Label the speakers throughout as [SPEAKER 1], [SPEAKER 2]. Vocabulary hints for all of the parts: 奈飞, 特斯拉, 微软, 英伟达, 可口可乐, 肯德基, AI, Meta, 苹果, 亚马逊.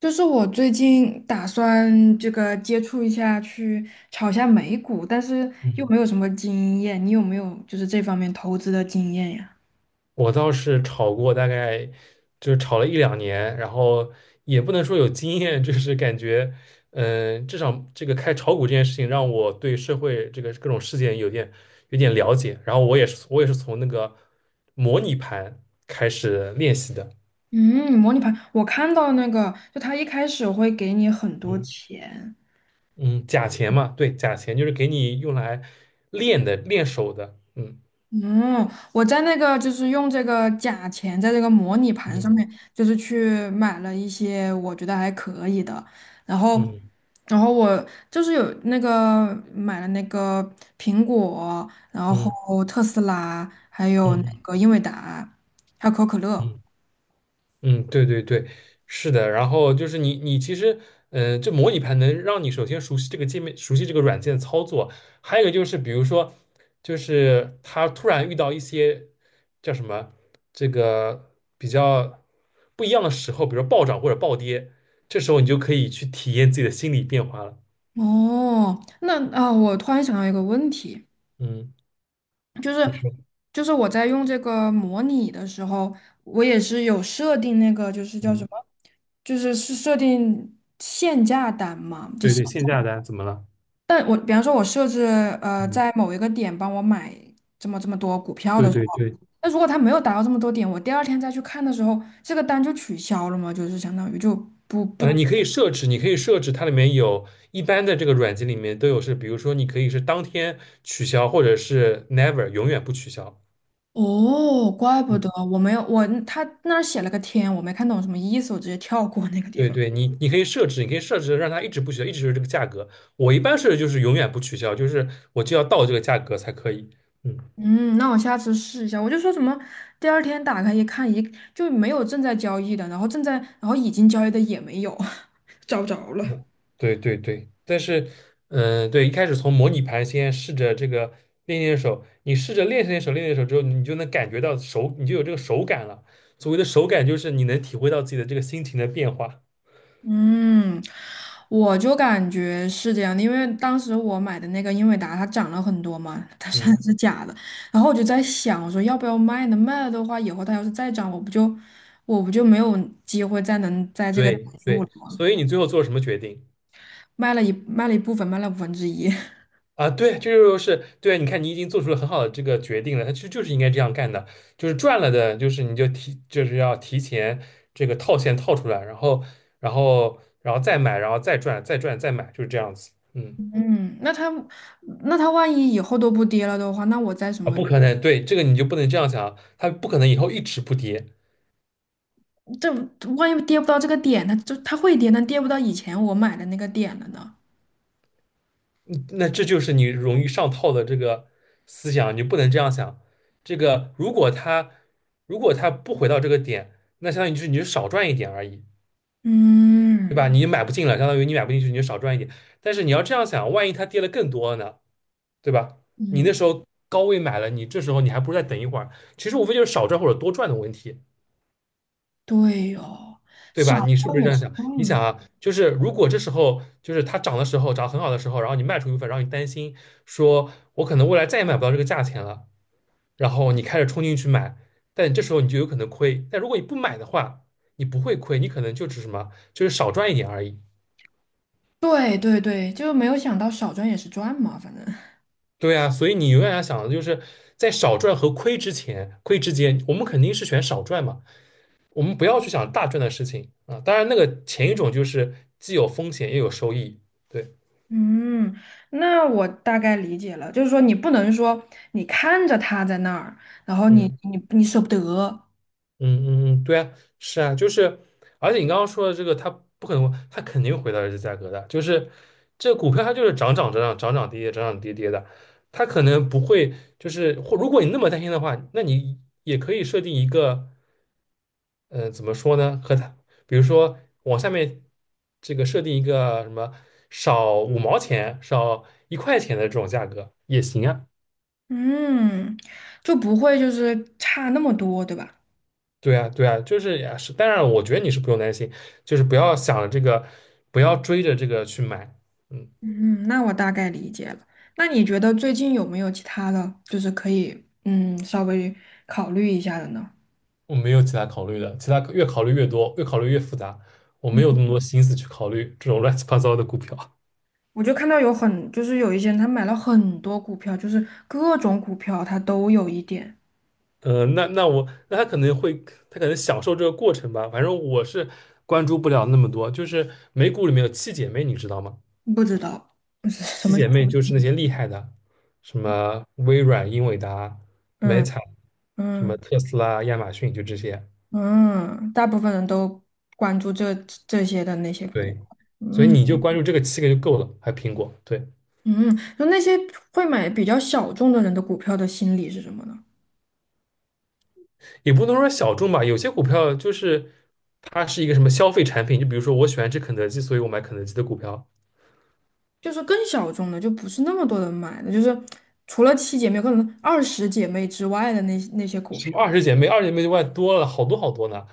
[SPEAKER 1] 就是我最近打算这个接触一下，去炒一下美股，但是又
[SPEAKER 2] 嗯，
[SPEAKER 1] 没有什么经验。你有没有就是这方面投资的经验呀？
[SPEAKER 2] 我倒是炒过，大概就是炒了一两年，然后也不能说有经验，就是感觉，至少这个开炒股这件事情让我对社会这个各种事件有点了解。然后我也是从那个模拟盘开始练习的。
[SPEAKER 1] 嗯，模拟盘，我看到那个，就他一开始会给你很多
[SPEAKER 2] 嗯
[SPEAKER 1] 钱。
[SPEAKER 2] 嗯，假钱嘛，对，假钱就是给你用来练的，练手的。嗯
[SPEAKER 1] 嗯，我在那个就是用这个假钱在这个模拟盘上
[SPEAKER 2] 嗯
[SPEAKER 1] 面，就是去买了一些我觉得还可以的，然后，
[SPEAKER 2] 嗯
[SPEAKER 1] 然后我就是有那个买了那个苹果，然
[SPEAKER 2] 嗯
[SPEAKER 1] 后特斯拉，还
[SPEAKER 2] 嗯
[SPEAKER 1] 有那
[SPEAKER 2] 嗯。
[SPEAKER 1] 个英伟达，还有可口可乐。
[SPEAKER 2] 嗯嗯，对对对，是的。然后就是你其实，这模拟盘能让你首先熟悉这个界面，熟悉这个软件操作。还有一个就是，比如说，就是他突然遇到一些叫什么，这个比较不一样的时候，比如说暴涨或者暴跌，这时候你就可以去体验自己的心理变化了。
[SPEAKER 1] 哦，那啊，我突然想到一个问题，
[SPEAKER 2] 嗯，
[SPEAKER 1] 就
[SPEAKER 2] 你
[SPEAKER 1] 是
[SPEAKER 2] 说，
[SPEAKER 1] 就是我在用这个模拟的时候，我也是有设定那个就是叫什
[SPEAKER 2] 嗯，
[SPEAKER 1] 么，就是设定限价单嘛，
[SPEAKER 2] 对对，限价单怎么了？
[SPEAKER 1] 但我比方说我设置
[SPEAKER 2] 嗯，
[SPEAKER 1] 在某一个点帮我买这么多股票
[SPEAKER 2] 对
[SPEAKER 1] 的时
[SPEAKER 2] 对
[SPEAKER 1] 候，
[SPEAKER 2] 对。
[SPEAKER 1] 那如果它没有达到这么多点，我第二天再去看的时候，这个单就取消了嘛，就是相当于就不不。
[SPEAKER 2] 你可以设置，你可以设置它里面有一般的这个软件里面都有是，比如说你可以是当天取消，或者是 never 永远不取消。
[SPEAKER 1] 哦，怪不
[SPEAKER 2] 嗯，
[SPEAKER 1] 得我没有我他那儿写了个天，我没看懂什么意思，我直接跳过那个地
[SPEAKER 2] 对
[SPEAKER 1] 方。
[SPEAKER 2] 对，你可以设置，你可以设置让它一直不取消，一直是这个价格。我一般设置就是永远不取消，就是我就要到这个价格才可以。嗯。
[SPEAKER 1] 嗯，那我下次试一下。我就说什么，第二天打开一看，就没有正在交易的，然后正在，然后已经交易的也没有，找不着了。
[SPEAKER 2] 嗯，对对对，但是，对，一开始从模拟盘先试着这个练练手，你试着练练手，练练手之后，你就能感觉到手，你就有这个手感了。所谓的手感，就是你能体会到自己的这个心情的变化。
[SPEAKER 1] 嗯，我就感觉是这样的，因为当时我买的那个英伟达它涨了很多嘛，它虽然
[SPEAKER 2] 嗯，
[SPEAKER 1] 是假的，然后我就在想，我说要不要卖呢？卖了的话，以后它要是再涨，我不就没有机会再能在这个顶
[SPEAKER 2] 对
[SPEAKER 1] 住了
[SPEAKER 2] 对，
[SPEAKER 1] 吗？
[SPEAKER 2] 所以你最后做了什么决定？
[SPEAKER 1] 卖了一部分，卖了1/5。
[SPEAKER 2] 啊，对，这就是对。你看，你已经做出了很好的这个决定了，他实就是应该这样干的，就是赚了的，就是你就提，就是要提前这个套现套出来，然后再买，然后再赚，再赚，再买，就是这样子。嗯，
[SPEAKER 1] 嗯，那他万一以后都不跌了的话，那我在什
[SPEAKER 2] 啊，
[SPEAKER 1] 么？
[SPEAKER 2] 不可能，对，这个你就不能这样想啊，它不可能以后一直不跌，
[SPEAKER 1] 这万一跌不到这个点，它会跌，但跌不到以前我买的那个点了呢？
[SPEAKER 2] 嗯那这就是你容易上套的这个思想，你就不能这样想。这个如果它不回到这个点，那相当于就是你就少赚一点而已。对
[SPEAKER 1] 嗯
[SPEAKER 2] 吧？你买不进了，相当于你买不进去，你就少赚一点。但是你要这样想，万一它跌了更多呢，对吧？你
[SPEAKER 1] 嗯，
[SPEAKER 2] 那时候高位买了，你这时候你还不如再等一会儿。其实无非就是少赚或者多赚的问题，
[SPEAKER 1] 对哦，
[SPEAKER 2] 对
[SPEAKER 1] 少
[SPEAKER 2] 吧？你是不
[SPEAKER 1] 赚
[SPEAKER 2] 是
[SPEAKER 1] 也
[SPEAKER 2] 这
[SPEAKER 1] 是
[SPEAKER 2] 样想？
[SPEAKER 1] 赚
[SPEAKER 2] 你想
[SPEAKER 1] 啊。
[SPEAKER 2] 啊，就是如果这时候就是它涨的时候，涨得很好的时候，然后你卖出一部分，然后你担心说，我可能未来再也买不到这个价钱了，然后你开始冲进去买，但这时候你就有可能亏。但如果你不买的话，你不会亏，你可能就只是什么，就是少赚一点而已。
[SPEAKER 1] 对对对，就没有想到少赚也是赚嘛，反正。
[SPEAKER 2] 对啊，所以你永远要想的就是在少赚和亏之前，亏之间，我们肯定是选少赚嘛，我们不要去想大赚的事情啊。当然，那个前一种就是既有风险也有收益。对，
[SPEAKER 1] 嗯，那我大概理解了，就是说你不能说你看着它在那儿，然后你
[SPEAKER 2] 嗯
[SPEAKER 1] 你你舍不得，
[SPEAKER 2] 嗯嗯嗯，对啊，是啊，就是，而且你刚刚说的这个，它不可能，它肯定回到这个价格的，就是这股票它就是涨涨涨涨涨涨跌跌涨涨跌跌的，它可能不会就是，或如果你那么担心的话，那你也可以设定一个。怎么说呢？和他，比如说往下面这个设定一个什么少5毛钱、少1块钱的这种价格也行啊。
[SPEAKER 1] 嗯，就不会就是差那么多，对吧？
[SPEAKER 2] 对啊，对啊，就是呀，是。当然，我觉得你是不用担心，就是不要想这个，不要追着这个去买。嗯，
[SPEAKER 1] 嗯，那我大概理解了。那你觉得最近有没有其他的，就是可以稍微考虑一下的呢？
[SPEAKER 2] 我没有其他考虑的，其他越考虑越多，越考虑越复杂，我没有那么多心思去考虑这种乱七八糟的股票。
[SPEAKER 1] 我就看到就是有一些人他买了很多股票，就是各种股票他都有一点，
[SPEAKER 2] 那他可能会，他可能享受这个过程吧。反正我是关注不了那么多。就是美股里面有七姐妹，你知道吗？
[SPEAKER 1] 不知道是什
[SPEAKER 2] 七
[SPEAKER 1] 么
[SPEAKER 2] 姐妹 就是那些厉害的，什么微软、英伟达、
[SPEAKER 1] 嗯
[SPEAKER 2] Meta，什么
[SPEAKER 1] 嗯
[SPEAKER 2] 特斯拉、亚马逊，就这些。
[SPEAKER 1] 嗯，大部分人都关注这些的那些股。
[SPEAKER 2] 对，所以
[SPEAKER 1] 嗯
[SPEAKER 2] 你就关注这个七个就够了。还有苹果，对，
[SPEAKER 1] 嗯，就那些会买比较小众的人的股票的心理是什么呢？
[SPEAKER 2] 也不能说小众吧。有些股票就是它是一个什么消费产品，就比如说我喜欢吃肯德基，所以我买肯德基的股票；
[SPEAKER 1] 就是更小众的，就不是那么多人买的，就是除了七姐妹，可能二十姐妹之外的那些股
[SPEAKER 2] 什
[SPEAKER 1] 票。
[SPEAKER 2] 么二十姐妹，二十姐妹就外多了好多好多呢。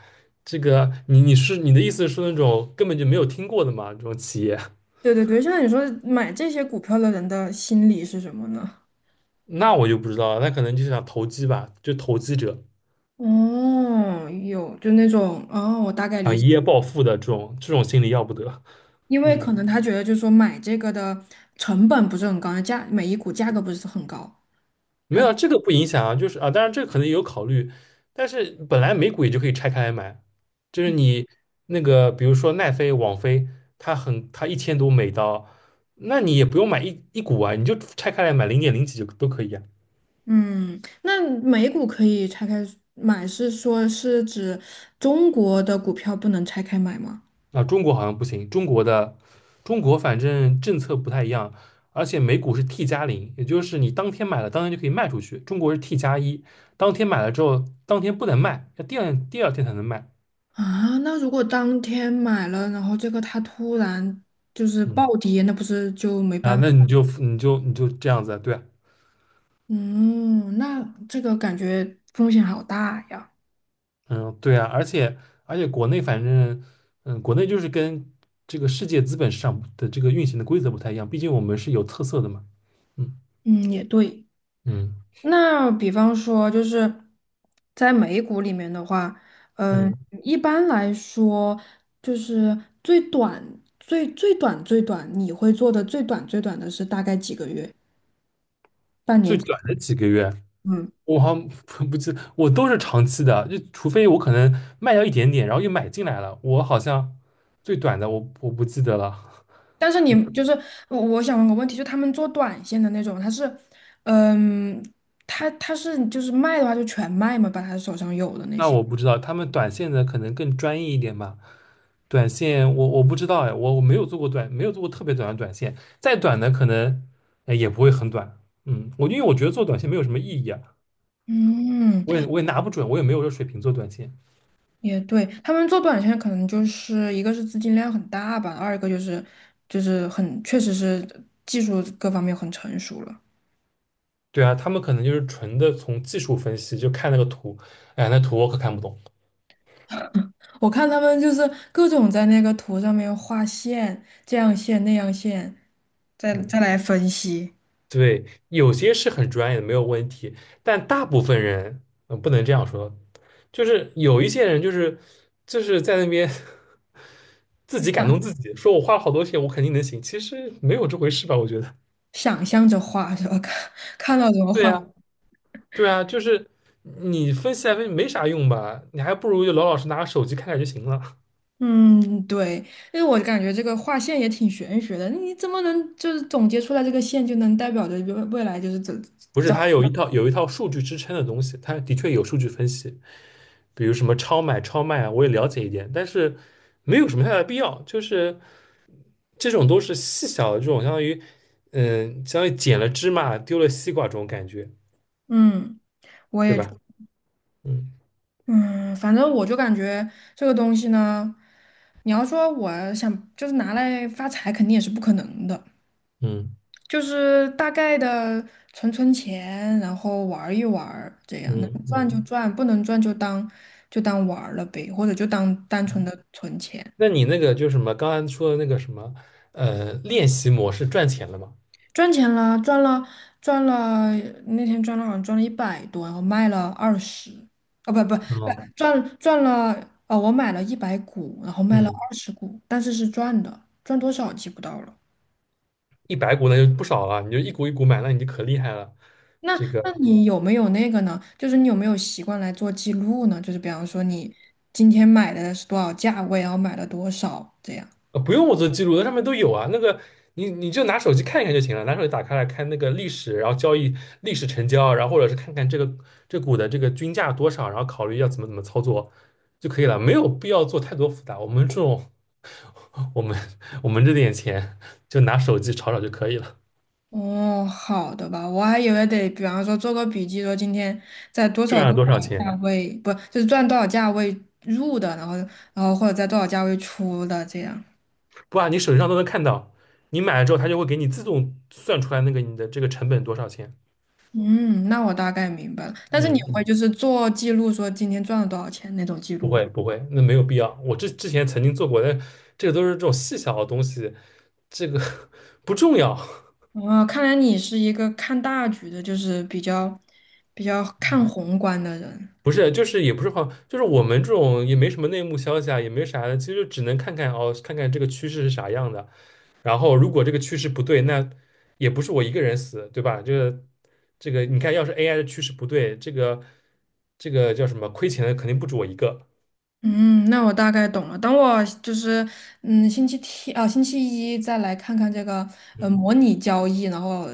[SPEAKER 2] 这个你的意思是那种根本就没有听过的嘛？这种企业，
[SPEAKER 1] 对对对，现在你说买这些股票的人的心理是什么呢？
[SPEAKER 2] 那我就不知道了，那可能就是想投机吧，就投机者
[SPEAKER 1] 哦，有，就那种，哦，我大概
[SPEAKER 2] 啊，
[SPEAKER 1] 理解，
[SPEAKER 2] 一夜暴富的这种这种心理要不得。
[SPEAKER 1] 因为可能
[SPEAKER 2] 嗯，
[SPEAKER 1] 他觉得就是说买这个的成本不是很高，每一股价格不是很高。
[SPEAKER 2] 没有啊，这个不影响啊，就是啊，当然这个可能也有考虑，但是本来美股也就可以拆开来买，就是你那个比如说奈飞、网飞，它很它1000多美刀，那你也不用买一股啊，你就拆开来买零点零几就都可以啊。
[SPEAKER 1] 嗯，那每股可以拆开买，是说是指中国的股票不能拆开买吗？
[SPEAKER 2] 啊，中国好像不行，中国反正政策不太一样，而且美股是 T+0，也就是你当天买了，当天就可以卖出去。中国是 T+1，当天买了之后，当天不能卖，要第二天才能卖。
[SPEAKER 1] 啊，那如果当天买了，然后这个它突然就是
[SPEAKER 2] 嗯，
[SPEAKER 1] 暴跌，那不是就没
[SPEAKER 2] 啊，
[SPEAKER 1] 办法？
[SPEAKER 2] 那你就这样子啊，对啊，
[SPEAKER 1] 嗯，那这个感觉风险好大呀。
[SPEAKER 2] 嗯，对啊，而且国内反正，国内就是跟这个世界资本市场的这个运行的规则不太一样，毕竟我们是有特色的嘛。嗯
[SPEAKER 1] 嗯，也对。
[SPEAKER 2] 嗯
[SPEAKER 1] 那比方说，就是在美股里面的话，嗯，
[SPEAKER 2] 嗯，
[SPEAKER 1] 一般来说，就是最短，你会做的最短的是大概几个月？半
[SPEAKER 2] 最
[SPEAKER 1] 年？
[SPEAKER 2] 短的几个月。
[SPEAKER 1] 嗯。
[SPEAKER 2] 我好像不记，我都是长期的，就除非我可能卖掉一点点，然后又买进来了，我好像最短的我不记得了。
[SPEAKER 1] 但是你就是我，想问个问题，就他们做短线的那种，嗯，他是就是卖的话就全卖嘛，把他手上有的那
[SPEAKER 2] 那
[SPEAKER 1] 些。
[SPEAKER 2] 我不知道，他们短线的可能更专业一点吧。短线我不知道哎，我没有做过短，没有做过特别短的短线，再短的可能哎也不会很短。嗯，我因为我觉得做短线没有什么意义啊，
[SPEAKER 1] 嗯，
[SPEAKER 2] 我也拿不准，我也没有这水平做短线。
[SPEAKER 1] 也对，他们做短线可能就是一个是资金量很大吧，二一个就是很确实是技术各方面很成熟了。
[SPEAKER 2] 对啊，他们可能就是纯的从技术分析，就看那个图，哎，那图我可看不懂。
[SPEAKER 1] 我看他们就是各种在那个图上面画线，这样线那样线，再再
[SPEAKER 2] 嗯。
[SPEAKER 1] 来分析，
[SPEAKER 2] 对，有些是很专业的，没有问题，但大部分人，嗯，不能这样说，就是有一些人，就是在那边 自己感
[SPEAKER 1] 想
[SPEAKER 2] 动自己，说我花了好多钱，我肯定能行，其实没有这回事吧？我觉得。
[SPEAKER 1] 想象着画 是吧？看到什 么
[SPEAKER 2] 对
[SPEAKER 1] 画。
[SPEAKER 2] 呀，对啊，就是你分析来分析没啥用吧？你还不如就老老实拿个手机看看就行了。
[SPEAKER 1] 嗯，对，因为我感觉这个画线也挺玄学的，你怎么能就是总结出来这个线就能代表着未来就是怎
[SPEAKER 2] 不是，
[SPEAKER 1] 怎？
[SPEAKER 2] 它有一套数据支撑的东西，它的确有数据分析，比如什么超买、超卖啊，我也了解一点，但是没有什么太大的必要，就是。这种都是细小的这种，相当于，嗯，相当于捡了芝麻丢了西瓜这种感觉，
[SPEAKER 1] 嗯，我
[SPEAKER 2] 对
[SPEAKER 1] 也觉
[SPEAKER 2] 吧？嗯
[SPEAKER 1] 嗯，反正我就感觉这个东西呢，你要说我想就是拿来发财，肯定也是不可能的，
[SPEAKER 2] 嗯
[SPEAKER 1] 就是大概的存钱，然后玩儿一玩儿这样能
[SPEAKER 2] 嗯
[SPEAKER 1] 赚就
[SPEAKER 2] 嗯。
[SPEAKER 1] 赚，不能赚就当玩儿了呗，或者就当单纯的存钱。
[SPEAKER 2] 那你那个就是什么，刚才说的那个什么，练习模式赚钱了吗？
[SPEAKER 1] 赚钱了，赚了赚了，那天赚了好像赚了100多，然后卖了二十，哦，不不，
[SPEAKER 2] 嗯
[SPEAKER 1] 赚了，哦我买了100股，然后卖了
[SPEAKER 2] 嗯，
[SPEAKER 1] 20股，但是是赚的，赚多少记不到了。
[SPEAKER 2] 100股那就不少了，你就一股一股买，那你就可厉害了。
[SPEAKER 1] 那
[SPEAKER 2] 这个。
[SPEAKER 1] 那你有没有那个呢？就是你有没有习惯来做记录呢？就是比方说你今天买的是多少价位，然后买了多少这样。
[SPEAKER 2] 不用我做记录，那上面都有啊。那个你就拿手机看一看就行了，拿手机打开来看那个历史，然后交易历史成交，然后或者是看看这个这股的这个均价多少，然后考虑要怎么操作就可以了，没有必要做太多复杂。我们我们这点钱就拿手机炒炒就可以了，
[SPEAKER 1] 哦，好的吧，我还以为得，比方说做个笔记，说今天在多少
[SPEAKER 2] 赚了
[SPEAKER 1] 多
[SPEAKER 2] 多少
[SPEAKER 1] 少价
[SPEAKER 2] 钱，
[SPEAKER 1] 位，不，就是赚多少价位入的，然后或者在多少价位出的这样。
[SPEAKER 2] 不啊，你手机上都能看到，你买了之后它就会给你自动算出来那个你的这个成本多少钱。
[SPEAKER 1] 嗯，那我大概明白了。但是你会
[SPEAKER 2] 嗯，
[SPEAKER 1] 就是做记录，说今天赚了多少钱那种记
[SPEAKER 2] 不
[SPEAKER 1] 录吗？
[SPEAKER 2] 会不会，那没有必要。我之前曾经做过，但这个都是这种细小的东西，这个 不重要。
[SPEAKER 1] 哦，看来你是一个看大局的，就是比较看宏观的人。
[SPEAKER 2] 不是，就是也不是话，就是我们这种也没什么内幕消息啊，也没啥的，其实就只能看看哦，看看这个趋势是啥样的。然后如果这个趋势不对，那也不是我一个人死，对吧？这个，你看，要是 AI 的趋势不对，这个叫什么亏钱的肯定不止我一个。
[SPEAKER 1] 嗯，那我大概懂了。等我就是星期天啊，星期一再来看看这个
[SPEAKER 2] 嗯，
[SPEAKER 1] 模拟交易，然后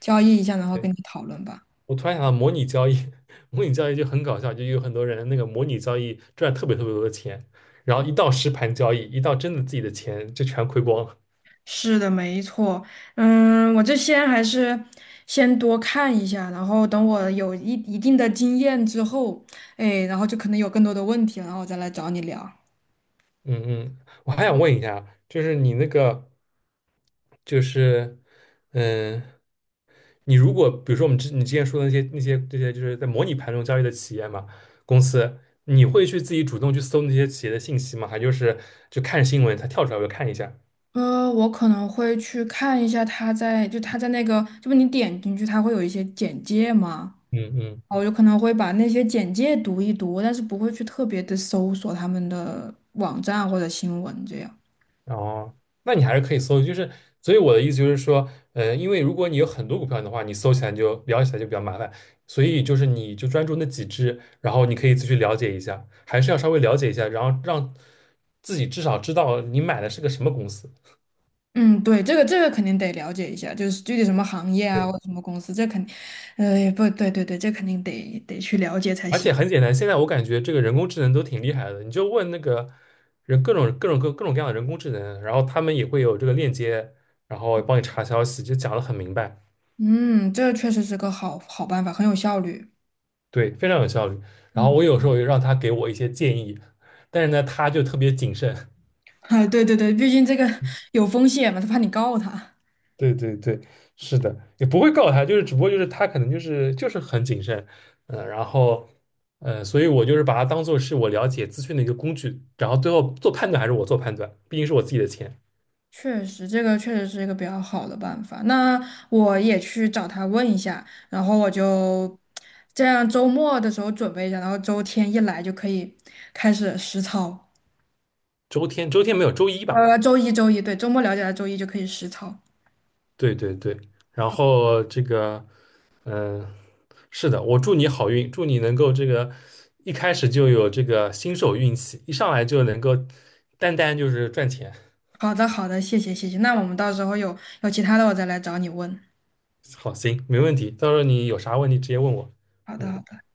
[SPEAKER 1] 交易一下，然后跟
[SPEAKER 2] 对。
[SPEAKER 1] 你讨论吧。
[SPEAKER 2] 我突然想到模拟交易，模拟交易就很搞笑，就有很多人那个模拟交易赚特别特别多的钱，然后一到实盘交易，一到真的自己的钱就全亏光了。
[SPEAKER 1] 是的，没错。嗯，我这先还是先多看一下，然后等我有一定的经验之后，哎，然后就可能有更多的问题了然后我再来找你聊。
[SPEAKER 2] 嗯嗯，我还想问一下，就是你那个，就是嗯，你如果比如说我们之你之前说的那些这些就是在模拟盘中交易的企业嘛，公司，你会去自己主动去搜那些企业的信息吗？还就是就看新闻它跳出来我就看一下？
[SPEAKER 1] 我可能会去看一下他在，就他在那个，就不你点进去，他会有一些简介吗？
[SPEAKER 2] 嗯嗯，
[SPEAKER 1] 哦我就可能会把那些简介读一读，但是不会去特别的搜索他们的网站或者新闻这样。
[SPEAKER 2] 哦，那你还是可以搜，就是所以我的意思就是说，因为如果你有很多股票的话，你搜起来就聊起来就比较麻烦，所以就是你就专注那几只，然后你可以自己去了解一下，还是要稍微了解一下，然后让自己至少知道你买的是个什么公司。
[SPEAKER 1] 嗯，对，这个肯定得了解一下，就是具体什么行业啊，或
[SPEAKER 2] 对，
[SPEAKER 1] 者什么公司，这肯定，不对，对对，这肯定得去了解才
[SPEAKER 2] 而
[SPEAKER 1] 行。
[SPEAKER 2] 且很简单，现在我感觉这个人工智能都挺厉害的，你就问那个人各种各样的人工智能，然后他们也会有这个链接，然后帮你查消息，就讲得很明白。
[SPEAKER 1] 嗯，这确实是个好办法，很有效率。
[SPEAKER 2] 对，非常有效率。然后
[SPEAKER 1] 嗯，
[SPEAKER 2] 我有时候也让他给我一些建议，但是呢，他就特别谨慎。
[SPEAKER 1] 啊，对对对，毕竟这个有风险嘛，他怕你告他。
[SPEAKER 2] 对对对，是的，也不会告他，就是只不过就是他可能就是很谨慎，然后所以我就是把它当做是我了解资讯的一个工具，然后最后做判断还是我做判断，毕竟是我自己的钱。
[SPEAKER 1] 确实，这个确实是一个比较好的办法。那我也去找他问一下，然后我就这样周末的时候准备一下，然后周天一来就可以开始实操。
[SPEAKER 2] 周天没有周一吧？
[SPEAKER 1] 周一，对，周末了解了，周一就可以实操。
[SPEAKER 2] 对对对，然后这个，嗯、是的，我祝你好运，祝你能够这个一开始就有这个新手运气，一上来就能够单单就是赚钱。
[SPEAKER 1] 好的，好的，谢谢，谢谢。那我们到时候有其他的，我再来找你问。
[SPEAKER 2] 好，行，没问题，到时候你有啥问题直接问我。
[SPEAKER 1] 好的，好
[SPEAKER 2] 嗯。
[SPEAKER 1] 的。